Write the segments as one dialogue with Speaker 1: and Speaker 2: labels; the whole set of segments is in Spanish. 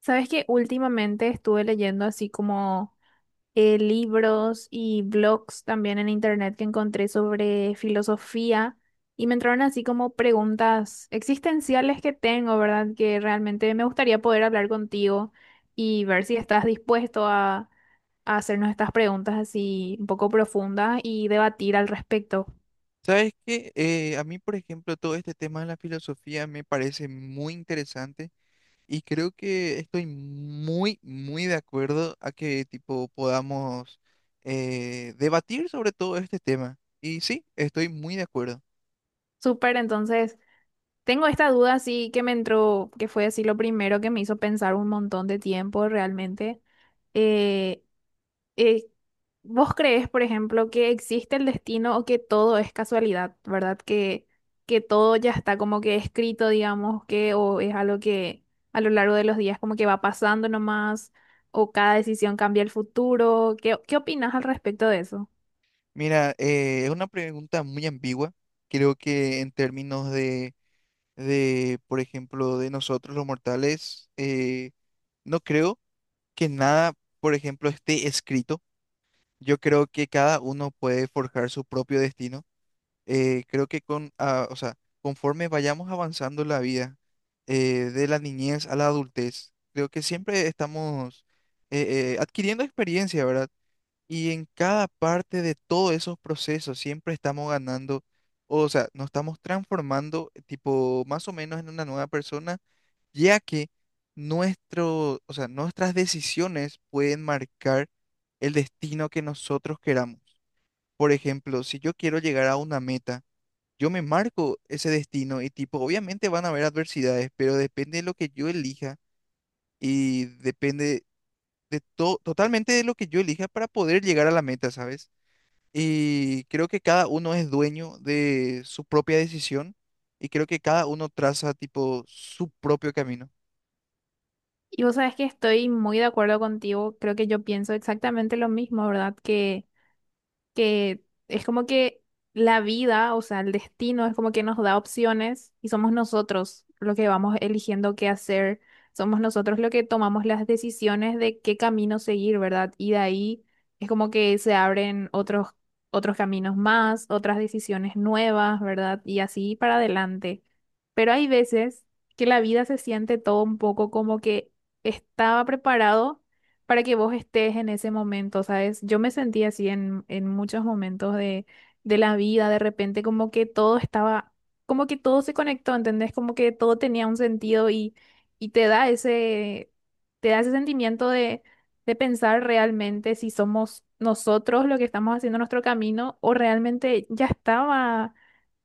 Speaker 1: Sabes que últimamente estuve leyendo así como libros y blogs también en internet que encontré sobre filosofía, y me entraron así como preguntas existenciales que tengo, ¿verdad? Que realmente me gustaría poder hablar contigo y ver si estás dispuesto a hacernos estas preguntas así un poco profundas y debatir al respecto.
Speaker 2: ¿Sabes qué? A mí, por ejemplo, todo este tema de la filosofía me parece muy interesante y creo que estoy muy, muy de acuerdo a que tipo podamos debatir sobre todo este tema. Y sí, estoy muy de acuerdo.
Speaker 1: Súper, entonces tengo esta duda así que me entró, que fue así lo primero que me hizo pensar un montón de tiempo realmente. Eh, eh, ¿Vos crees, por ejemplo, que existe el destino o que todo es casualidad, ¿verdad? Que todo ya está como que escrito, digamos, que o es algo que a lo largo de los días como que va pasando nomás, o cada decisión cambia el futuro. ¿Qué opinas al respecto de eso?
Speaker 2: Mira, es una pregunta muy ambigua. Creo que en términos de, por ejemplo, de nosotros los mortales, no creo que nada, por ejemplo, esté escrito. Yo creo que cada uno puede forjar su propio destino. Creo que con, ah, o sea, conforme vayamos avanzando en la vida, de la niñez a la adultez, creo que siempre estamos adquiriendo experiencia, ¿verdad? Y en cada parte de todos esos procesos siempre estamos ganando, o sea, nos estamos transformando, tipo, más o menos en una nueva persona ya que nuestro, o sea, nuestras decisiones pueden marcar el destino que nosotros queramos. Por ejemplo, si yo quiero llegar a una meta, yo me marco ese destino y tipo, obviamente van a haber adversidades, pero depende de lo que yo elija y depende de todo, totalmente de lo que yo elija para poder llegar a la meta, ¿sabes? Y creo que cada uno es dueño de su propia decisión y creo que cada uno traza tipo su propio camino. Mm,
Speaker 1: Y vos sabes que estoy muy de acuerdo contigo, creo que yo pienso exactamente lo mismo, ¿verdad? Que es como que la vida, o sea, el destino es como que nos da opciones y somos nosotros lo que vamos eligiendo qué hacer, somos nosotros lo que tomamos las decisiones de qué camino seguir, ¿verdad? Y de ahí es como que se abren otros caminos más, otras decisiones nuevas, ¿verdad? Y así para adelante. Pero hay veces que la vida se siente todo un poco como que estaba preparado para que vos estés en ese momento, ¿sabes? Yo me sentí así en muchos momentos de la vida, de repente como que todo estaba, como que todo se conectó, ¿entendés? Como que todo tenía un sentido y te da te da ese sentimiento de pensar realmente si somos nosotros lo que estamos haciendo nuestro camino o realmente ya estaba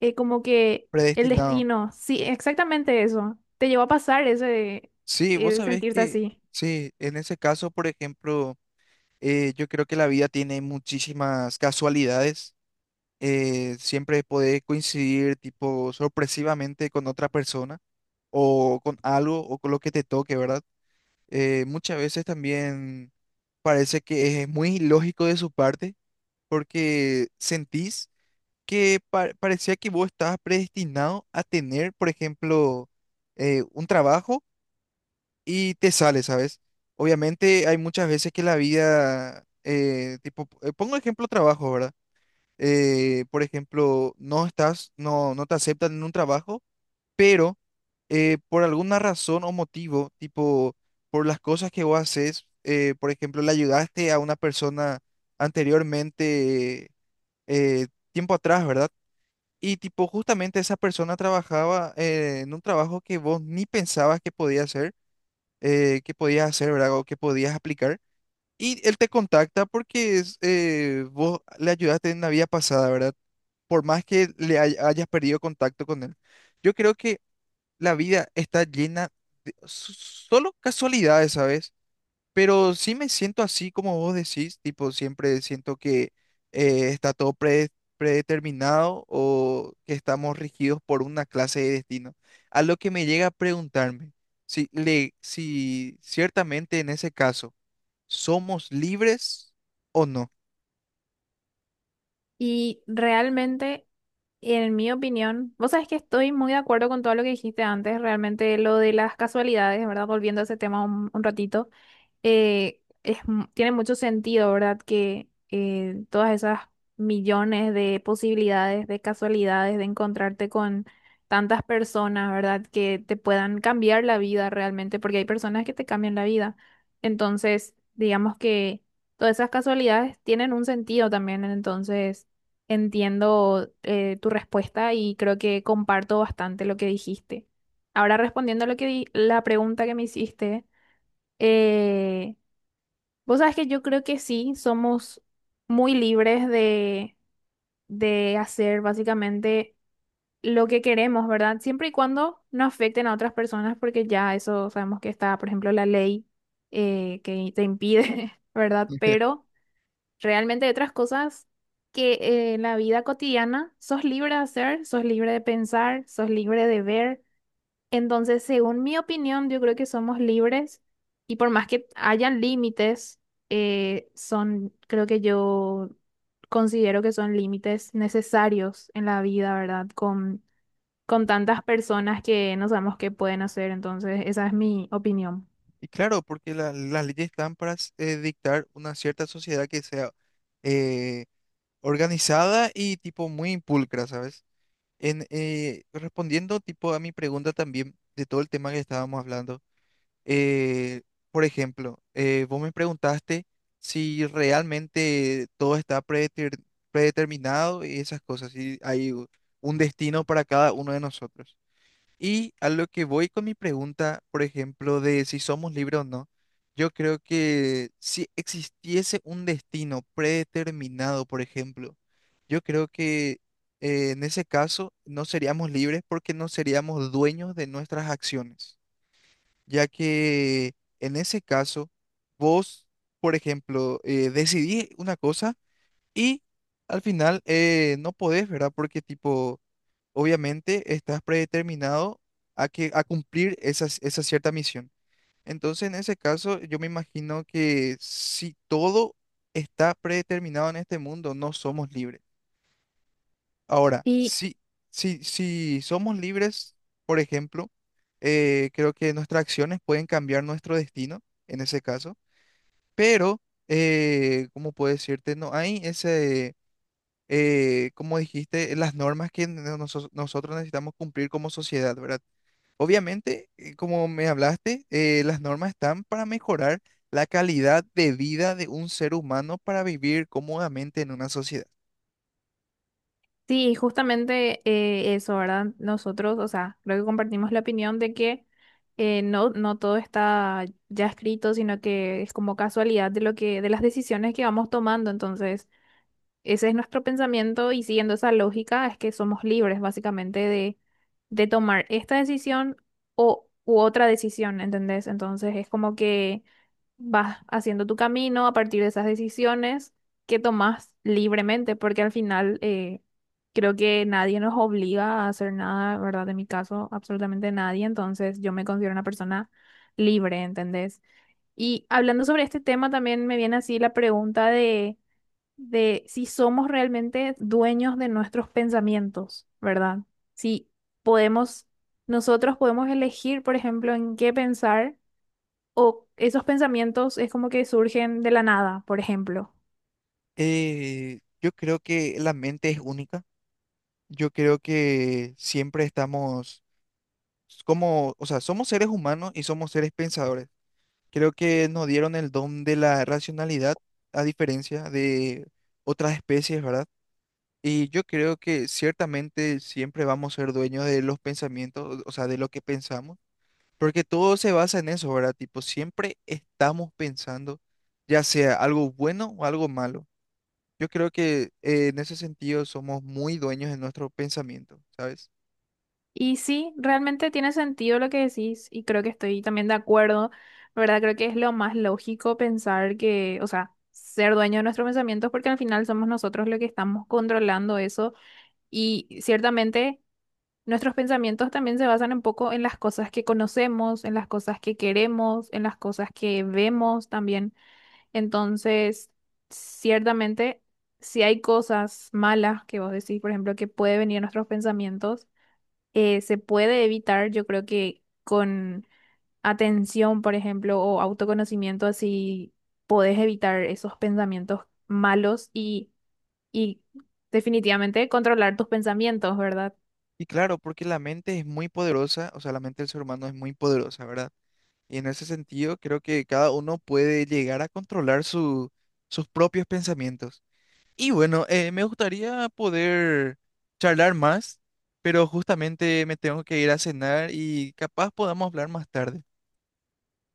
Speaker 1: como que el
Speaker 2: predestinado.
Speaker 1: destino. Sí, exactamente eso. Te llevó a pasar ese,
Speaker 2: Sí, vos sabés
Speaker 1: sentirse
Speaker 2: que,
Speaker 1: así.
Speaker 2: sí, en ese caso, por ejemplo, yo creo que la vida tiene muchísimas casualidades. Siempre podés coincidir, tipo, sorpresivamente con otra persona o con algo o con lo que te toque, ¿verdad? Muchas veces también parece que es muy ilógico de su parte porque sentís que parecía que vos estabas predestinado a tener, por ejemplo, un trabajo. Y te sale, ¿sabes? Obviamente hay muchas veces que la vida, pongo ejemplo trabajo, ¿verdad? Por ejemplo, no estás, no, no te aceptan en un trabajo, pero por alguna razón o motivo, tipo, por las cosas que vos haces, por ejemplo, le ayudaste a una persona anteriormente, eh, tiempo atrás, ¿verdad? Y tipo, justamente esa persona trabajaba en un trabajo que vos ni pensabas que podía hacer qué podías hacer, ¿verdad? O qué podías aplicar. Y él te contacta porque es, vos le ayudaste en la vida pasada, ¿verdad? Por más que le hayas perdido contacto con él. Yo creo que la vida está llena de solo casualidades, ¿sabes? Pero sí me siento así como vos decís, tipo, siempre siento que está todo predeterminado o que estamos regidos por una clase de destino. A lo que me llega a preguntarme si, le, si ciertamente en ese caso somos libres o no.
Speaker 1: Y realmente, en mi opinión, vos sabés que estoy muy de acuerdo con todo lo que dijiste antes, realmente lo de las casualidades, ¿verdad? Volviendo a ese tema un ratito, tiene mucho sentido, ¿verdad? Que todas esas millones de posibilidades, de casualidades, de encontrarte con tantas personas, ¿verdad? Que te puedan cambiar la vida realmente, porque hay personas que te cambian la vida. Entonces, digamos que todas esas casualidades tienen un sentido también, entonces entiendo tu respuesta y creo que comparto bastante lo que dijiste. Ahora respondiendo a lo que la pregunta que me hiciste. Eh, Vos sabés que yo creo que sí, somos muy libres de hacer básicamente lo que queremos, ¿verdad? Siempre y cuando no afecten a otras personas, porque ya eso sabemos que está, por ejemplo, la ley que te impide, ¿verdad? Pero realmente hay otras cosas que en la vida cotidiana sos libre de hacer, sos libre de pensar, sos libre de ver. Entonces, según mi opinión, yo creo que somos libres, y por más que hayan límites, creo que yo considero que son límites necesarios en la vida, ¿verdad? Con tantas personas que no sabemos qué pueden hacer, entonces esa es mi opinión.
Speaker 2: Y claro, porque las leyes están para dictar una cierta sociedad que sea eh, organizada y tipo muy impulcra, ¿sabes? En, respondiendo tipo a mi pregunta también de todo el tema que estábamos hablando, eh, por ejemplo, vos me preguntaste si realmente todo está predeterminado y esas cosas, si hay un destino para cada uno de nosotros. Y a lo que voy con mi pregunta, por ejemplo, de si somos libres o no, yo creo que si existiese un destino predeterminado, por ejemplo, yo creo que en ese caso no seríamos libres porque no seríamos dueños de nuestras acciones, ya que en ese caso vos, por ejemplo, decidís una cosa y al final no podés, ¿verdad? Porque tipo obviamente estás predeterminado a que a cumplir esa cierta misión. Entonces, en ese caso, yo me imagino que si todo está predeterminado en este mundo, no somos libres. Ahora,
Speaker 1: Y
Speaker 2: si somos libres, por ejemplo, creo que nuestras acciones pueden cambiar nuestro destino, en ese caso, pero, ¿cómo puedo decirte? No hay ese... como dijiste, las normas que nosotros necesitamos cumplir como sociedad, ¿verdad? Obviamente, como me hablaste, las normas están para mejorar la calidad de vida de un ser humano para vivir cómodamente en una sociedad.
Speaker 1: sí, justamente eso, ¿verdad? Nosotros, o sea, creo que compartimos la opinión de que no todo está ya escrito, sino que es como casualidad de lo de las decisiones que vamos tomando. Entonces, ese es nuestro pensamiento y siguiendo esa lógica es que somos libres básicamente de tomar esta decisión u otra decisión, ¿entendés? Entonces es como que vas haciendo tu camino a partir de esas decisiones que tomas libremente, porque al final creo que nadie nos obliga a hacer nada, ¿verdad? En mi caso, absolutamente nadie, entonces yo me considero una persona libre, ¿entendés? Y hablando sobre este tema también me viene así la pregunta de si somos realmente dueños de nuestros pensamientos, ¿verdad? Si podemos, nosotros podemos elegir, por ejemplo, en qué pensar, o esos pensamientos es como que surgen de la nada, por ejemplo.
Speaker 2: Yo creo que la mente es única. Yo creo que siempre estamos como, o sea, somos seres humanos y somos seres pensadores. Creo que nos dieron el don de la racionalidad, a diferencia de otras especies, ¿verdad? Y yo creo que ciertamente siempre vamos a ser dueños de los pensamientos, o sea, de lo que pensamos. Porque todo se basa en eso, ¿verdad? Tipo, siempre estamos pensando, ya sea algo bueno o algo malo. Yo creo que en ese sentido somos muy dueños de nuestro pensamiento, ¿sabes?
Speaker 1: Y sí, realmente tiene sentido lo que decís y creo que estoy también de acuerdo, ¿verdad? Creo que es lo más lógico pensar que, o sea, ser dueño de nuestros pensamientos porque al final somos nosotros los que estamos controlando eso y ciertamente, nuestros pensamientos también se basan un poco en las cosas que conocemos, en las cosas que queremos, en las cosas que vemos también. Entonces, ciertamente, si hay cosas malas que vos decís, por ejemplo, que puede venir a nuestros pensamientos, se puede evitar, yo creo que con atención, por ejemplo, o autoconocimiento, así podés evitar esos pensamientos malos y definitivamente controlar tus pensamientos, ¿verdad?
Speaker 2: Y claro, porque la mente es muy poderosa, o sea, la mente del ser humano es muy poderosa, ¿verdad? Y en ese sentido creo que cada uno puede llegar a controlar sus propios pensamientos. Y bueno, me gustaría poder charlar más, pero justamente me tengo que ir a cenar y capaz podamos hablar más tarde.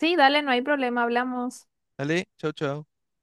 Speaker 1: Sí, dale, no hay problema, hablamos.
Speaker 2: Dale, chao, chao.